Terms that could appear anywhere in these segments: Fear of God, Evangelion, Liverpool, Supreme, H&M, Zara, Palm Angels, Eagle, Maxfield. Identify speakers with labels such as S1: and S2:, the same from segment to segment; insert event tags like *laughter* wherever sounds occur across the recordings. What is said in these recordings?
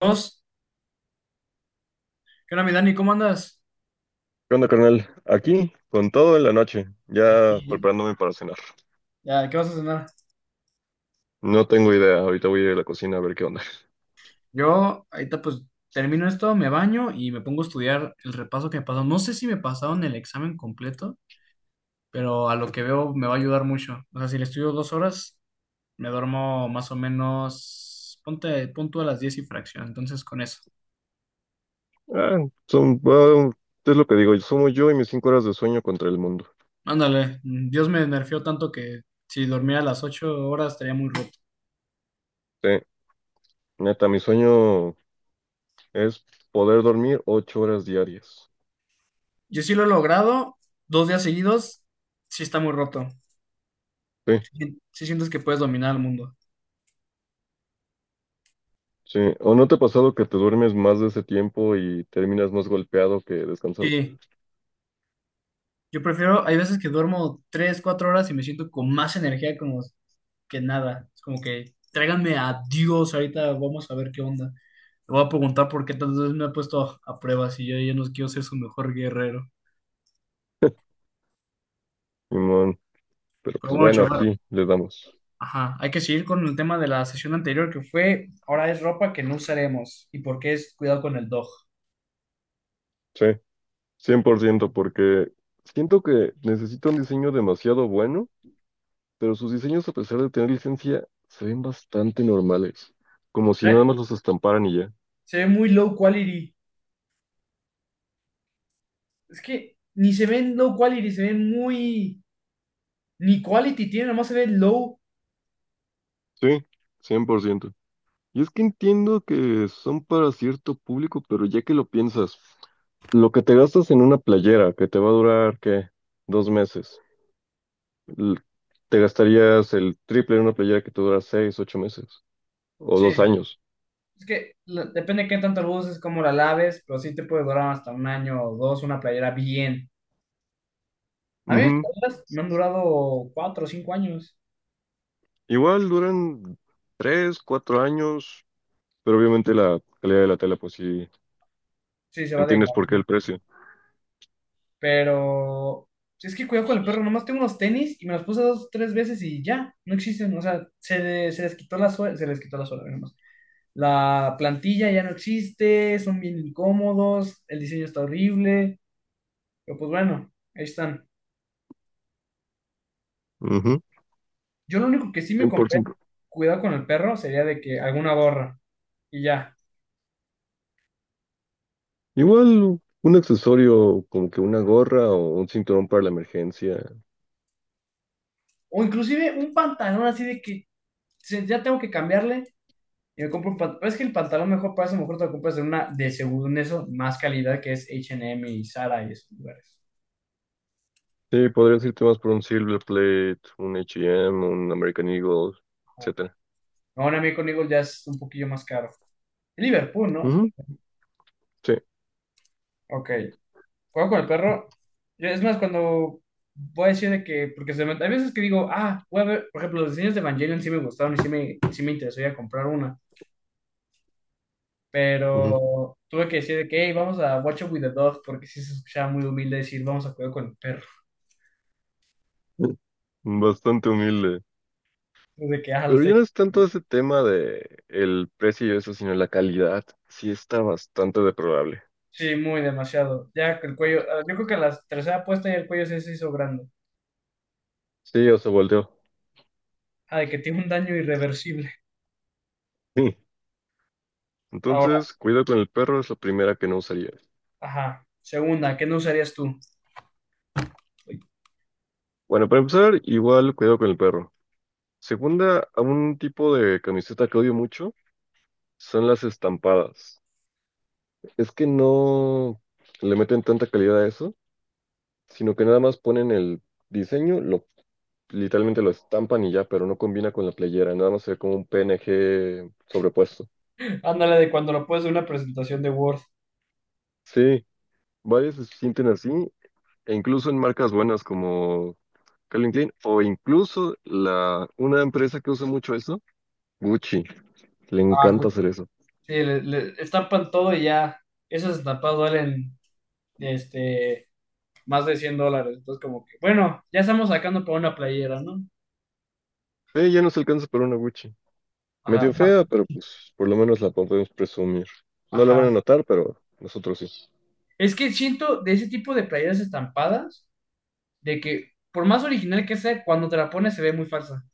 S1: Dos. ¿Qué onda, mi Dani? ¿Cómo andas?
S2: ¿Qué onda, carnal? Aquí, con todo en la noche, ya
S1: Sí,
S2: preparándome para cenar.
S1: ya, ¿qué vas a cenar?
S2: No tengo idea, ahorita voy a ir a la cocina a ver qué onda.
S1: Yo ahorita pues termino esto, me baño y me pongo a estudiar el repaso que me pasó. No sé si me pasaron el examen completo, pero a lo que veo me va a ayudar mucho. O sea, si le estudio 2 horas, me duermo más o menos, ponte, punto a las diez y fracción. Entonces con eso.
S2: Ah, son, es lo que digo, somos yo y mis 5 horas de sueño contra el mundo.
S1: Ándale, Dios me nerfeó tanto que si dormía a las 8 horas estaría muy roto.
S2: Sí, neta, mi sueño es poder dormir 8 horas diarias.
S1: Yo sí lo he logrado, 2 días seguidos, sí está muy roto.
S2: Sí,
S1: Sí sientes que puedes dominar el mundo.
S2: sí. ¿O no te ha pasado que te duermes más de ese tiempo y terminas más golpeado que descansado?
S1: Sí, yo prefiero, hay veces que duermo 3, 4 horas y me siento con más energía como que nada. Es como que tráiganme a Dios, ahorita vamos a ver qué onda. Le voy a preguntar por qué tantas veces me ha puesto a prueba si yo ya no quiero ser su mejor guerrero.
S2: Simón, pero
S1: Pero
S2: pues
S1: bueno,
S2: bueno,
S1: chaval,
S2: aquí le damos.
S1: ajá, hay que seguir con el tema de la sesión anterior que fue, ahora es ropa que no usaremos y por qué es cuidado con el dog.
S2: Sí, 100%, porque siento que necesito un diseño demasiado bueno, pero sus diseños, a pesar de tener licencia, se ven bastante normales, como si
S1: Eh,
S2: nada más los estamparan y ya.
S1: Se ve muy low quality. Es que ni se ven low quality, se ven muy... Ni quality tiene, nomás se ve low.
S2: Sí, 100%. Y es que entiendo que son para cierto público, pero ya que lo piensas, lo que te gastas en una playera que te va a durar, ¿qué? Dos meses. l- Te gastarías el triple en una playera que te dura 6, 8 meses o
S1: Sí.
S2: 2 años.
S1: Es que depende de qué tanto lo uses, cómo la laves, pero sí te puede durar hasta un año o dos una playera bien. A mí mis
S2: Ujú.
S1: playeras me han durado 4 o 5 años.
S2: Igual duran 3, 4 años, pero obviamente la calidad de la tela, pues sí,
S1: Sí, se va
S2: entiendes por qué
S1: degradando.
S2: el precio.
S1: Pero sí, es que cuidado con el perro, nomás tengo unos tenis y me los puse 2, 3 veces y ya, no existen. O sea, se les quitó la suela, se les quitó la suela, nomás. La plantilla ya no existe, son bien incómodos, el diseño está horrible, pero pues bueno, ahí están.
S2: Ujú.
S1: Yo lo único que sí me compré,
S2: 100%.
S1: cuidado con el perro, sería de que alguna gorra y ya.
S2: Igual un accesorio como que una gorra o un cinturón para la emergencia.
S1: O inclusive un pantalón así de que ya tengo que cambiarle y me compro un pantalón. Es que el pantalón mejor para eso, mejor te lo compras en una de según eso, más calidad que es H&M y Zara y esos lugares.
S2: Sí, podrías irte más por un Silver Plate, un H&M, un American Eagle, etcétera.
S1: Ahora a mí con Eagle ya es un poquillo más caro. Liverpool, ¿no?
S2: Ujú, sí,
S1: Ok. Juego con el perro. Yo, es más, cuando voy a decir de que, porque hay veces que digo, ah, voy a ver, por ejemplo, los diseños de Evangelion sí me gustaron y sí sí me interesó ir a comprar una.
S2: ujú.
S1: Pero tuve que decir de que, hey, vamos a Watch Up with the Dog, porque sí se escuchaba muy humilde decir, vamos a cuidar con el perro.
S2: *laughs* Bastante humilde.
S1: De que, ah, lo
S2: Pero
S1: está
S2: ya no
S1: hecho.
S2: es tanto ese tema de el precio y eso, sino la calidad. Sí, está bastante deplorable.
S1: Sí, muy demasiado. Ya que el cuello, ah, yo creo que la tercera puesta y el cuello sí se hizo grande.
S2: Sí, o se volteó.
S1: Ah, de que tiene un daño irreversible.
S2: Sí.
S1: Ahora,
S2: Entonces, cuidado con el perro es la primera que no usaría.
S1: ajá. Segunda, ¿qué no usarías tú? *laughs*
S2: Bueno, para empezar, igual cuidado con el perro. Segunda, a un tipo de camiseta que odio mucho son las estampadas. Es que no le meten tanta calidad a eso, sino que nada más ponen el diseño, lo literalmente lo estampan y ya, pero no combina con la playera, nada más se ve como un PNG sobrepuesto.
S1: Ándale de cuando lo puedes de una presentación de Word.
S2: Sí, varias se sienten así, e incluso en marcas buenas como Calvin Klein, o una empresa que usa mucho eso, Gucci, le
S1: Ah, güey.
S2: encanta hacer eso.
S1: Sí, le estampan todo y ya. Esas estampadas duelen este, más de $100. Entonces, como que, bueno, ya estamos sacando para una playera, ¿no?
S2: Ya no se alcanza para una Gucci.
S1: Ajá.
S2: Medio fea, pero pues por lo menos la podemos presumir. No la van a
S1: Ajá.
S2: notar, pero nosotros sí.
S1: Es que siento de ese tipo de playeras estampadas, de que por más original que sea, cuando te la pones se ve muy falsa.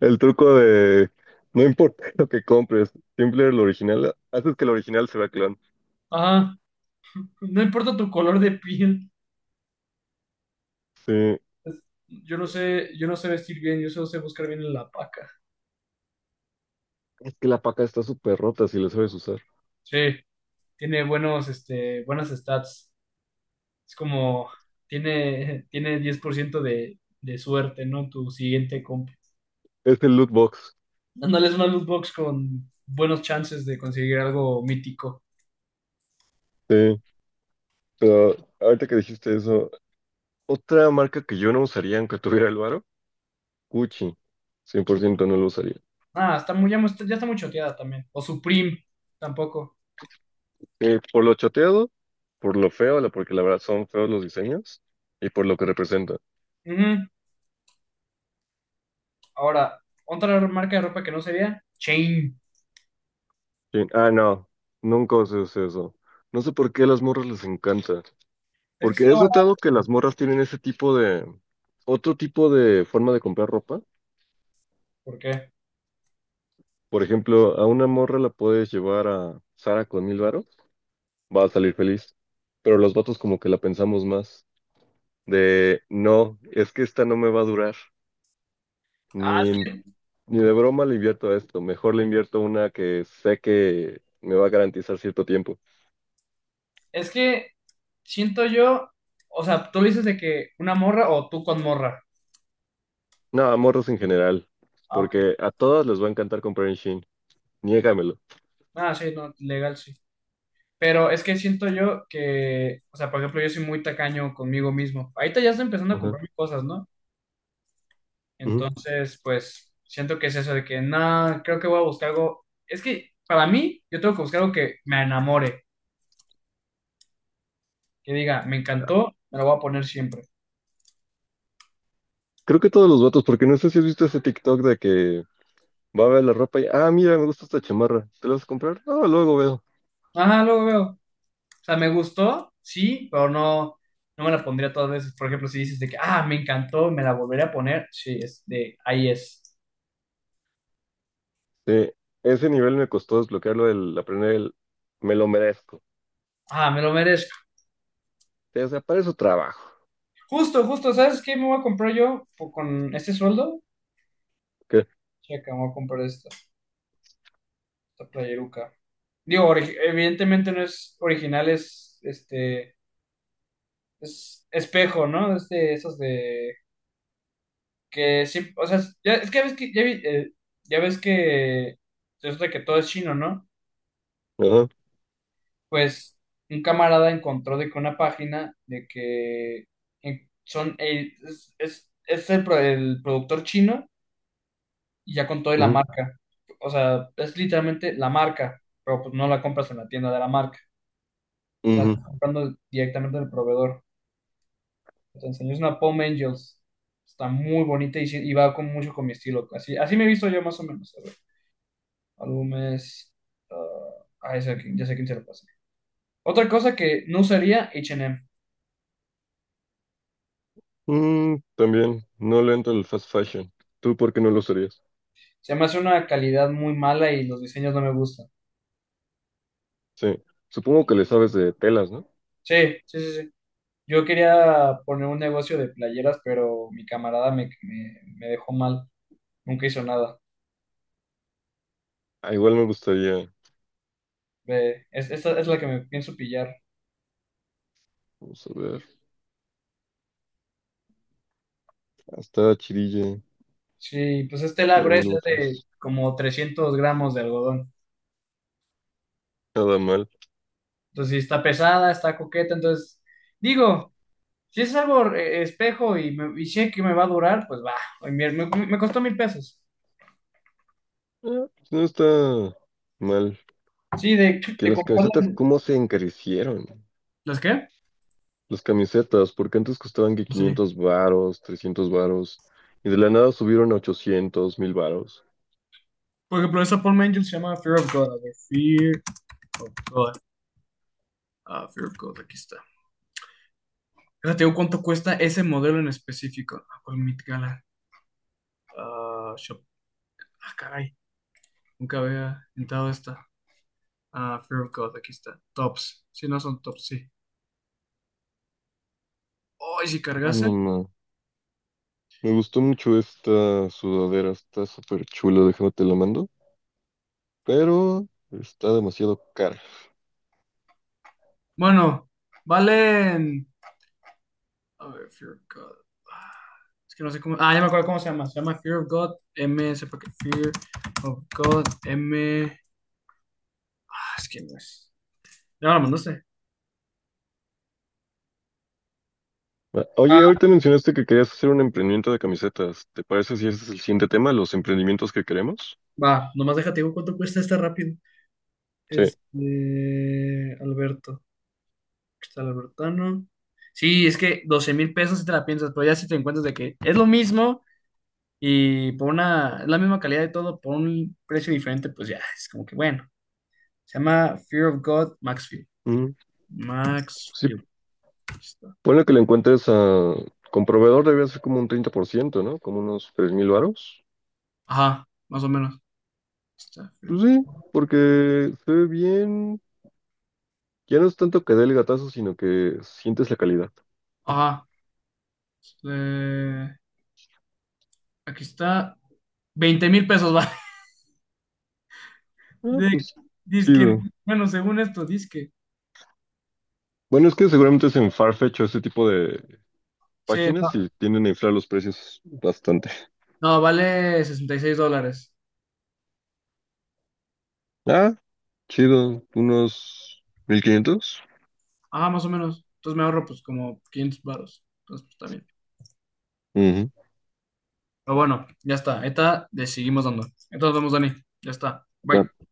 S2: El truco de no importa *laughs* lo que compres, siempre el original, haces que el original se vea clon.
S1: Ajá. *laughs* No importa tu color de piel.
S2: Sí,
S1: Yo no sé vestir bien, yo solo sé buscar bien en la paca.
S2: es que la paca está súper rota si la sabes usar.
S1: Sí, tiene buenos, este, buenas stats. Es como, tiene 10% de suerte, ¿no? Tu siguiente compra.
S2: Es el loot box.
S1: Dándole una loot box con buenos chances de conseguir algo mítico.
S2: Sí, pero ahorita que dijiste eso, otra marca que yo no usaría aunque tuviera el varo, Gucci. 100% no lo usaría.
S1: Ah, está muy, ya, ya está muy choteada también. O Supreme, tampoco.
S2: Sí, por lo choteado, por lo feo, porque la verdad son feos los diseños y por lo que representa.
S1: Ujú. Ahora, otra marca de ropa que no sería Chain.
S2: Sí. Ah, no, nunca usé eso. No sé por qué a las morras les encanta.
S1: Es que
S2: Porque
S1: está
S2: has notado
S1: barato.
S2: que las morras tienen ese tipo de, otro tipo de forma de comprar ropa.
S1: ¿Por qué?
S2: Por ejemplo, a una morra la puedes llevar a Sara con 1000 varos, va a salir feliz. Pero los vatos como que la pensamos más. De, no, es que esta no me va a durar.
S1: Ah,
S2: Ni, en- ni de broma le invierto a esto. Mejor le invierto a una que sé que me va a garantizar cierto tiempo.
S1: es que siento yo, o sea, tú dices de que una morra o tú con morra.
S2: No, a morros en general,
S1: Ah, ok.
S2: porque a todos les va a encantar comprar en Shein, niégamelo.
S1: Ah, sí, no, legal, sí. Pero es que siento yo que, o sea, por ejemplo, yo soy muy tacaño conmigo mismo. Ahorita ya estoy empezando a
S2: Ajá,
S1: comprarme cosas, ¿no?
S2: ujú.
S1: Entonces, pues, siento que es eso de que, nada, creo que voy a buscar algo. Es que, para mí, yo tengo que buscar algo que me enamore, que diga, me encantó, me lo voy a poner siempre.
S2: Creo que todos los vatos, porque no sé si has visto ese TikTok de que va a ver la ropa y, ah, mira, me gusta esta chamarra, ¿te la vas a comprar? Ah, luego veo.
S1: Ajá, luego veo. O sea, me gustó, sí, pero no, no me la pondría todas veces. Por ejemplo, si dices de que, ah, me encantó, me la volveré a poner, sí, es de, ahí es.
S2: Sí, ese nivel me costó desbloquearlo, el aprender me lo merezco.
S1: Ah, me lo merezco.
S2: Sí, o sea, para eso trabajo.
S1: Justo, justo, ¿sabes qué me voy a comprar yo po- con este sueldo?
S2: ¿Qué?
S1: Checa, me voy a comprar esta playeruca. Digo, ori- evidentemente no es original, es, este, es espejo, ¿no? Este, esos de, que sí, o sea, ya, es que ya ves que, ya, ya ves que, resulta que todo es chino, ¿no?
S2: Ajá,
S1: Pues un camarada encontró de que una página de que en- son el- es el, el productor chino y ya con toda la
S2: ujú,
S1: marca. O sea, es literalmente la marca, pero pues no la compras en la tienda de la marca. O sea,
S2: ujú.
S1: estás comprando directamente del proveedor. Te enseño, es una Palm Angels. Está muy bonita y, y va con mucho con mi estilo. Así, así me he visto yo más o menos. A ver, álbumes. Ah, ah, ese aquí, ya sé quién se lo pasa. Otra cosa que no usaría, H&M.
S2: Mm, también, no le entro el fast fashion. ¿Tú por qué no lo usarías?
S1: Se me hace una calidad muy mala y los diseños no me gustan.
S2: Sí, supongo que le sabes de telas, ¿no?
S1: Sí, sí, sí, sí. Yo quería poner un negocio de playeras, pero mi camarada me dejó mal. Nunca hizo nada.
S2: Ah, igual me gustaría,
S1: Ve, es, esta es la que me pienso pillar.
S2: vamos a ver. Hasta Chirille,
S1: Sí, pues es tela
S2: Burn
S1: gruesa es de
S2: Lotus.
S1: como 300 gramos de algodón.
S2: Nada mal.
S1: Entonces, sí, está pesada, está coqueta. Entonces, digo, si es algo espejo y, me, y sé que me va a durar, pues va. Me costó 1,000 pesos.
S2: Ah, pues no está mal.
S1: Sí,
S2: Que
S1: de
S2: las camisetas,
S1: comprarla.
S2: ¿cómo se encarecieron?
S1: ¿Las qué?
S2: Las camisetas, porque antes costaban que
S1: Sí.
S2: 500 varos, 300 varos, y de la nada subieron a 800, 1000 varos.
S1: Por ejemplo, esa Paul Angel se llama Fear of God. A ver, Fear of God. Ah, Fear of God, aquí está. Ahora ¿te digo cuánto cuesta ese modelo en específico. Ah, ¿cuál Met Gala? Ah, shop. Ah, caray. Nunca había entrado esta. Ah, Fear of God, aquí está. Tops. Si no son tops, sí. Oh, ¿y si
S2: Ah, no,
S1: cargase?
S2: no. Me gustó mucho esta sudadera, está súper chula, déjame te la mando, pero está demasiado cara.
S1: Bueno, valen. A ver, Fear of God. Ah, es que no sé cómo. Ah, ya me acuerdo cómo se llama. Se llama Fear of God M. Sepa que Fear of God M. Ah, es que no es. ¿Ya me la mandaste?
S2: Ah, oye, ahorita mencionaste que querías hacer un emprendimiento de camisetas. ¿Te parece si ese es el siguiente tema, los emprendimientos que queremos?
S1: Va, nomás déjate digo cuánto cuesta esta rápido.
S2: Sí.
S1: Este, Alberto. Aquí está el Albertano. Sí, es que 12,000 pesos si te la piensas, pero ya si te encuentras de que es lo mismo y por una, es la misma calidad de todo, por un precio diferente, pues ya, es como que bueno. Se llama Fear of God Maxfield.
S2: Sí,
S1: Maxfield. Aquí está.
S2: ponle que le encuentres a... Con proveedor debía ser como un 30%, ¿no? Como unos 3000 varos.
S1: Ajá, más o menos. Aquí está, Fear
S2: Pues
S1: of God.
S2: sí, porque se ve bien. Ya no es tanto que dé el gatazo, sino que sientes la calidad.
S1: Ajá. Eh, aquí está. 20,000 pesos, va. *laughs*
S2: Ah,
S1: De,
S2: pues sí,
S1: dizque,
S2: bro.
S1: bueno, según esto, dizque.
S2: Bueno, es que seguramente es en Farfetch o ese tipo de
S1: Sí,
S2: páginas
S1: no,
S2: y tienden a inflar los precios bastante.
S1: no, vale $66.
S2: Ah, chido. Unos 1.500.
S1: Ah, más o menos. Entonces me ahorro pues como 500 baros. Entonces pues, está bien.
S2: Ujú.
S1: Pero bueno, ya está. Esta le seguimos dando. Entonces nos vemos, Dani. Ya está. Bye.
S2: Ah.